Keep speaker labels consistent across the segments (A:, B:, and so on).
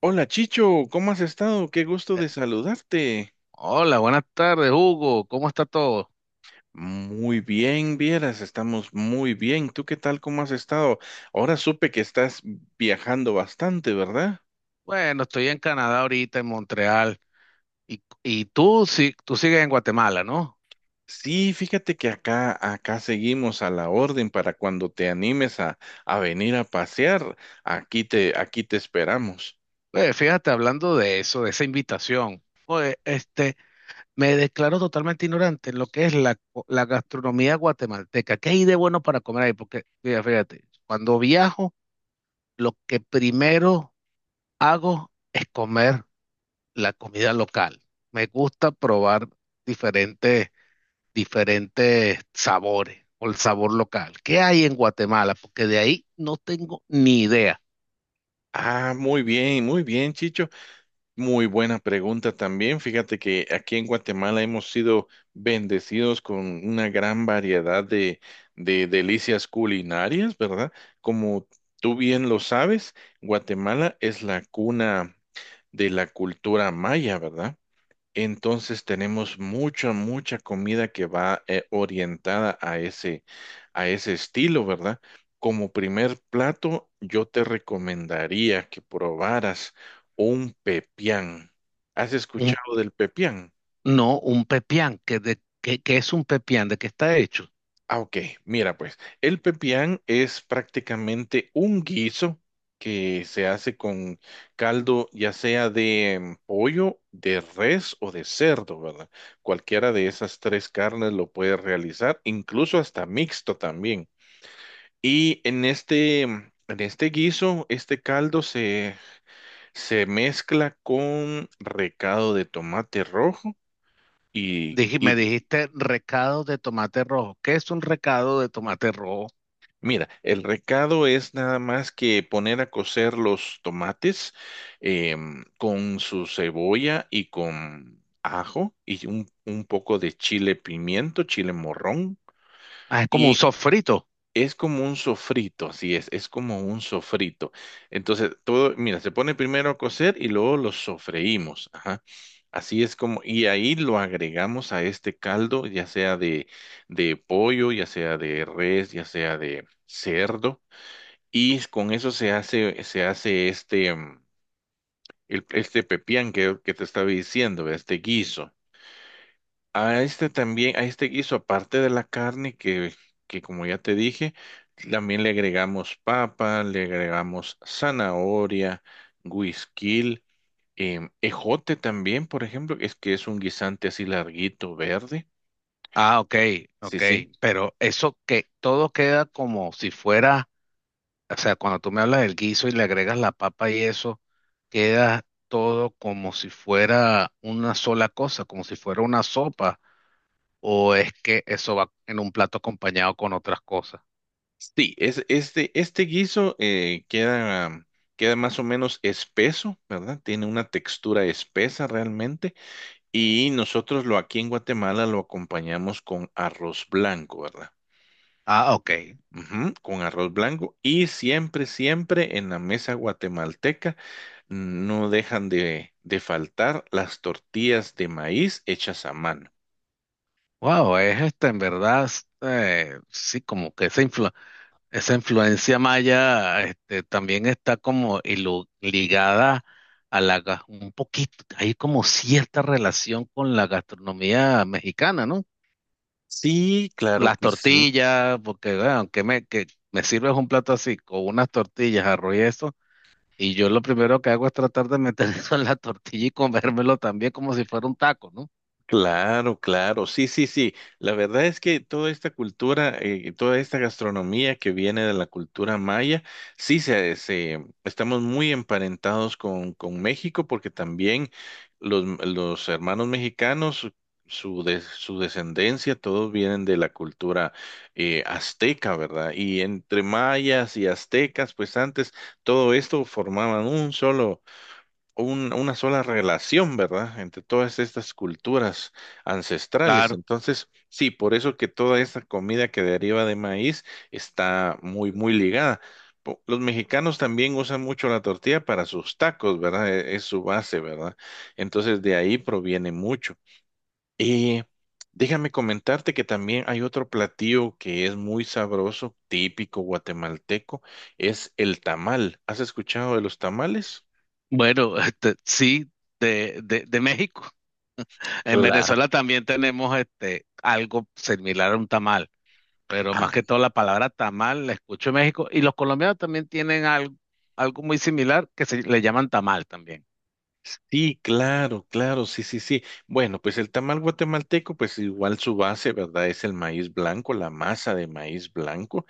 A: Hola Chicho, ¿cómo has estado? Qué gusto
B: Eh,
A: de saludarte.
B: Hola, buenas tardes, Hugo. ¿Cómo está todo?
A: Muy bien, vieras, estamos muy bien. ¿Tú qué tal? ¿Cómo has estado? Ahora supe que estás viajando bastante, ¿verdad?
B: Bueno, estoy en Canadá ahorita, en Montreal. Y tú, sí, tú sigues en Guatemala, ¿no?
A: Sí, fíjate que acá seguimos a la orden para cuando te animes a venir a pasear. Aquí te esperamos.
B: Oye, fíjate, hablando de eso, de esa invitación. Oye, me declaro totalmente ignorante en lo que es la gastronomía guatemalteca. ¿Qué hay de bueno para comer ahí? Porque, mira, fíjate, cuando viajo, lo que primero hago es comer la comida local. Me gusta probar diferentes diferentes sabores o el sabor local. ¿Qué hay en Guatemala? Porque de ahí no tengo ni idea.
A: Ah, muy bien, Chicho. Muy buena pregunta también. Fíjate que aquí en Guatemala hemos sido bendecidos con una gran variedad de delicias culinarias, ¿verdad? Como tú bien lo sabes, Guatemala es la cuna de la cultura maya, ¿verdad? Entonces tenemos mucha comida que va orientada a a ese estilo, ¿verdad? Como primer plato, yo te recomendaría que probaras un pepián. ¿Has
B: Un-
A: escuchado del pepián?
B: no, un pepián. ¿ Qué es un pepián? ¿De qué está hecho?
A: Ah, ok. Mira, pues, el pepián es prácticamente un guiso que se hace con caldo, ya sea de pollo, de res o de cerdo, ¿verdad? Cualquiera de esas tres carnes lo puedes realizar, incluso hasta mixto también. Y en en este guiso, se mezcla con recado de tomate rojo y, y
B: Me dijiste recado de tomate rojo. ¿Qué es un recado de tomate rojo?
A: mira, el recado es nada más que poner a cocer los tomates con su cebolla y con ajo y un poco de chile pimiento, chile morrón.
B: Ah, es como un
A: Y
B: sofrito.
A: es como un sofrito, así es como un sofrito. Entonces, todo, mira, se pone primero a cocer y luego lo sofreímos. Ajá. Así es como, y ahí lo agregamos a este caldo, ya sea de pollo, ya sea de res, ya sea de cerdo. Y con eso se hace este pepián que te estaba diciendo, este guiso. A este también, a este guiso, aparte de la carne que como ya te dije, también le agregamos papa, le agregamos zanahoria, güisquil, ejote también, por ejemplo, es que es un guisante así larguito, verde.
B: Ah, ok,
A: Sí,
B: ok.
A: sí.
B: Pero eso que todo queda como si fuera, o sea, cuando tú me hablas del guiso y le agregas la papa y eso, queda todo como si fuera una sola cosa, como si fuera una sopa, o es que eso va en un plato acompañado con otras cosas.
A: Sí, es, este guiso queda más o menos espeso, ¿verdad? Tiene una textura espesa realmente y nosotros lo aquí en Guatemala lo acompañamos con arroz blanco, ¿verdad?
B: Ah, ok.
A: Ujú, con arroz blanco y siempre, siempre en la mesa guatemalteca no dejan de faltar las tortillas de maíz hechas a mano.
B: Wow, es en verdad, sí, como que esa influencia maya, también está como ligada a la, un poquito, hay como cierta relación con la gastronomía mexicana, ¿no?
A: Sí, claro
B: Las
A: que sí.
B: tortillas, porque bueno, que me sirves un plato así, con unas tortillas, arroz y eso, y yo lo primero que hago es tratar de meter eso en la tortilla y comérmelo también como si fuera un taco, ¿no?
A: Claro, claro, sí, sí, sí. La verdad es que toda esta cultura, toda esta gastronomía que viene de la cultura maya, sí, estamos muy emparentados con México porque también los hermanos mexicanos, su descendencia, todos vienen de la cultura azteca, ¿verdad? Y entre mayas y aztecas, pues antes todo esto formaban una sola relación, ¿verdad? Entre todas estas culturas ancestrales.
B: Claro.
A: Entonces, sí, por eso que toda esta comida que deriva de maíz está muy, muy ligada. Los mexicanos también usan mucho la tortilla para sus tacos, ¿verdad? Es su base, ¿verdad? Entonces, de ahí proviene mucho. Y déjame comentarte que también hay otro platillo que es muy sabroso, típico guatemalteco, es el tamal. ¿Has escuchado de los tamales?
B: Bueno, sí, de México. En
A: Claro.
B: Venezuela también tenemos algo similar a un tamal, pero más que todo la palabra tamal la escucho en México, y los colombianos también tienen algo, algo muy similar que se le llaman tamal también.
A: Sí, claro, claro, sí, sí, sí. Bueno, pues el tamal guatemalteco, pues igual su base, ¿verdad? Es el maíz blanco, la masa de maíz blanco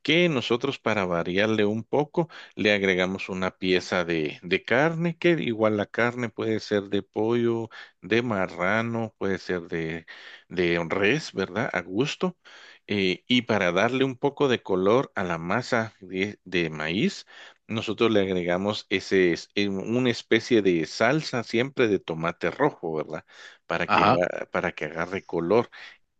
A: que nosotros para variarle un poco le agregamos una pieza de carne, que igual la carne puede ser de pollo, de marrano, puede ser de res, ¿verdad? A gusto. Y para darle un poco de color a la masa de maíz, nosotros le agregamos una especie de salsa siempre de tomate rojo, ¿verdad? Para
B: Ajá.
A: para que agarre color.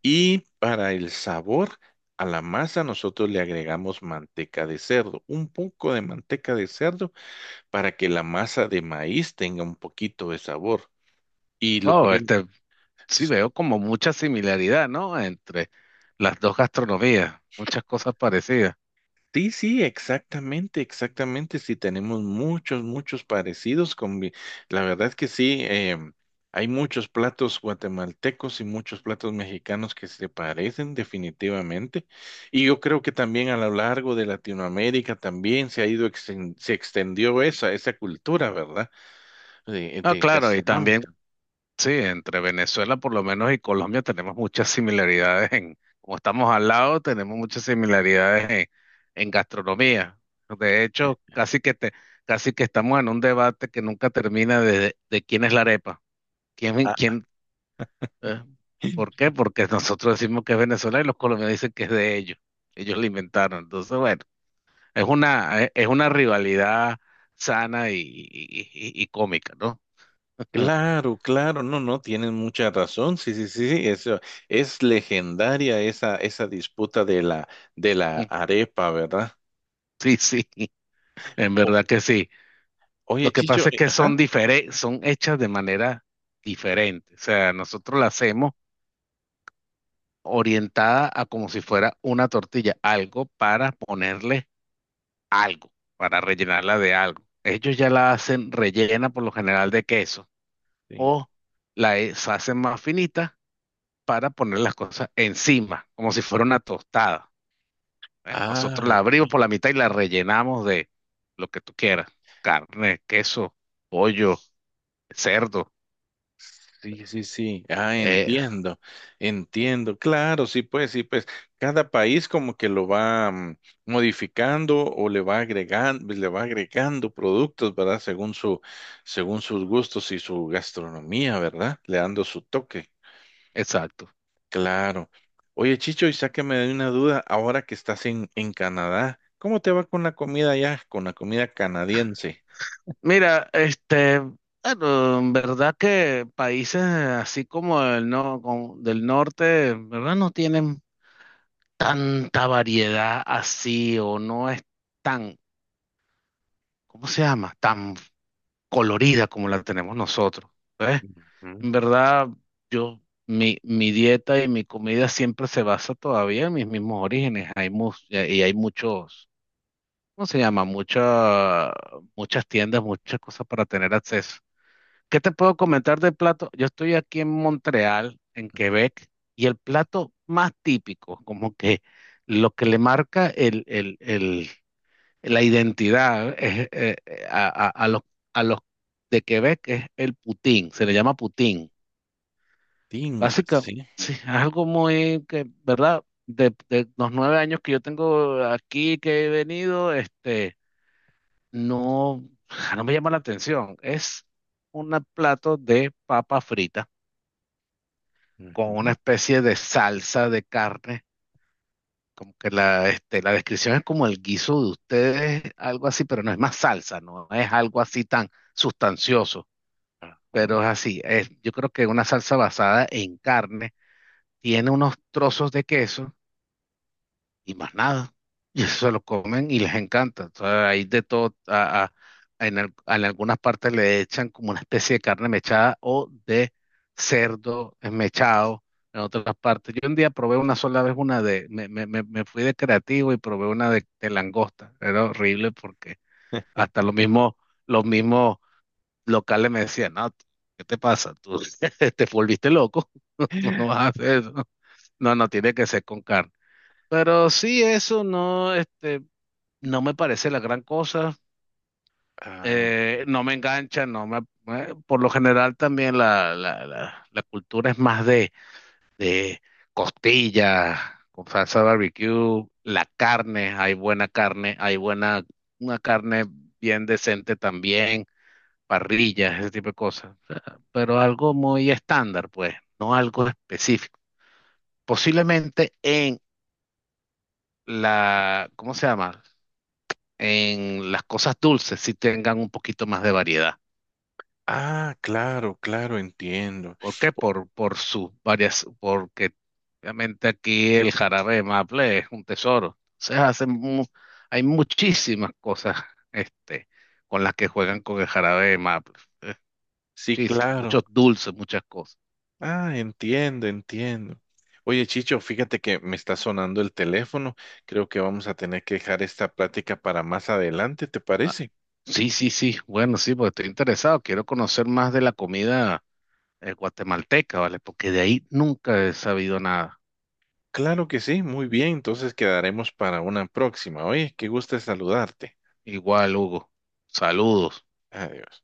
A: Y para el sabor, a la masa nosotros le agregamos manteca de cerdo, un poco de manteca de cerdo para que la masa de maíz tenga un poquito de sabor. Y lo
B: Oh,
A: ponemos.
B: este, sí veo como mucha similaridad, ¿no? Entre las dos gastronomías, muchas cosas parecidas.
A: Sí, sí, exactamente, exactamente. Sí, tenemos muchos, la verdad que sí, em, hay muchos platos guatemaltecos y muchos platos mexicanos que se parecen definitivamente. Y yo creo que también a lo largo de Latinoamérica también se ha se extendió esa cultura, ¿verdad?
B: Ah,
A: De
B: claro, y
A: gastronómica.
B: también, sí, entre Venezuela por lo menos y Colombia tenemos muchas similaridades en, como estamos al lado, tenemos muchas similaridades en gastronomía. De hecho, casi que estamos en un debate que nunca termina de quién es la arepa. ¿Quién,
A: Ah,
B: quién, eh, por qué? Porque nosotros decimos que es Venezuela y los colombianos dicen que es de ellos. Ellos la inventaron. Entonces, bueno. Es una rivalidad sana y cómica, ¿no?
A: claro, claro, no, no, tienen mucha razón. Sí, sí, sí, sí, eso es legendaria esa disputa de la arepa, ¿verdad?
B: Sí, sí, en
A: O-
B: verdad que sí.
A: Oye,
B: Lo que
A: Chicho,
B: pasa es que
A: ajá.
B: son diferentes, son hechas de manera diferente. O sea, nosotros la hacemos orientada a como si fuera una tortilla, algo para ponerle algo, para rellenarla de algo. Ellos ya la hacen rellena por lo general de queso
A: Sí.
B: o hacen más finita para poner las cosas encima, como si fuera una tostada. ¿Eh? Nosotros
A: Ah,
B: la abrimos
A: ok,
B: por la mitad y la rellenamos de lo que tú quieras. Carne, queso, pollo, cerdo.
A: sí, sí, sí. Ah,
B: Eh,
A: entiendo. Entiendo. Claro, sí, pues, sí, pues. Cada país como que lo va modificando o le va agregando productos, ¿verdad? Según sus gustos y su gastronomía, ¿verdad? Le dando su toque.
B: exacto.
A: Claro. Oye, Chicho, y sáqueme de una duda, ahora que estás en Canadá, ¿cómo te va con la comida allá, con la comida canadiense?
B: Mira, bueno, en verdad que países así como el no, como del norte, en verdad no tienen tanta variedad así o no es tan, ¿cómo se llama? Tan colorida como la tenemos nosotros. ¿Ves?
A: Ujú,
B: En verdad, yo, mi dieta y mi comida siempre se basa todavía en mis mismos orígenes. Hay y hay muchos, ¿cómo se llama? Muchas tiendas, muchas cosas para tener acceso. ¿Qué te puedo comentar del plato? Yo estoy aquí en Montreal, en Quebec, y el plato más típico, como que lo que le marca la identidad es, a los de Quebec es el poutine, se le llama poutine.
A: tin,
B: Básicamente,
A: así.
B: sí, algo muy que, ¿verdad? De los 9 años que yo tengo aquí, que he venido, no, ja, no me llama la atención. Es un plato de papa frita con una
A: Ujú,
B: especie de salsa de carne. Como que la descripción es como el guiso de ustedes, algo así, pero no es más salsa, no es algo así tan sustancioso,
A: ajá.
B: pero es así. Yo creo que una salsa basada en carne tiene unos trozos de queso y más nada. Y eso se lo comen y les encanta. Entonces, hay de todo. En, en algunas partes le echan como una especie de carne mechada o de cerdo mechado. En otras partes. Yo un día probé una sola vez una de. Me fui de creativo y probé una de langosta. Era horrible porque hasta los mismos locales me decían, no, ¿qué te pasa? Tú te volviste loco. Tú no vas a hacer eso. No, no, tiene que ser con carne. Pero sí, eso no, no me parece la gran cosa.
A: Ah,
B: No me engancha, no me, me- por lo general también la cultura es más de costillas, con salsa barbecue, la carne, hay buena, una carne bien decente también, parrillas, ese tipo de cosas. O sea, pero algo muy estándar, pues, no algo específico. Posiblemente en la, ¿cómo se llama? En las cosas dulces sí tengan un poquito más de variedad.
A: ah, claro, claro, entiendo.
B: ¿Por qué? Por sus varias, porque obviamente aquí el jarabe de maple es un tesoro. Se hacen, hay muchísimas cosas este, con las que juegan con el jarabe de maple. Eh,
A: Sí,
B: Muchísimo,
A: claro.
B: muchos dulces, muchas cosas.
A: Ah, entiendo, entiendo. Oye, Chicho, fíjate que me está sonando el teléfono. Creo que vamos a tener que dejar esta plática para más adelante, ¿te
B: Ah,
A: parece?
B: sí, sí, sí. Bueno, sí, porque estoy interesado. Quiero conocer más de la comida guatemalteca, ¿vale? Porque de ahí nunca he sabido nada.
A: Claro que sí, muy bien. Entonces quedaremos para una próxima. Oye, qué gusto saludarte.
B: Igual, Hugo. Saludos.
A: Adiós.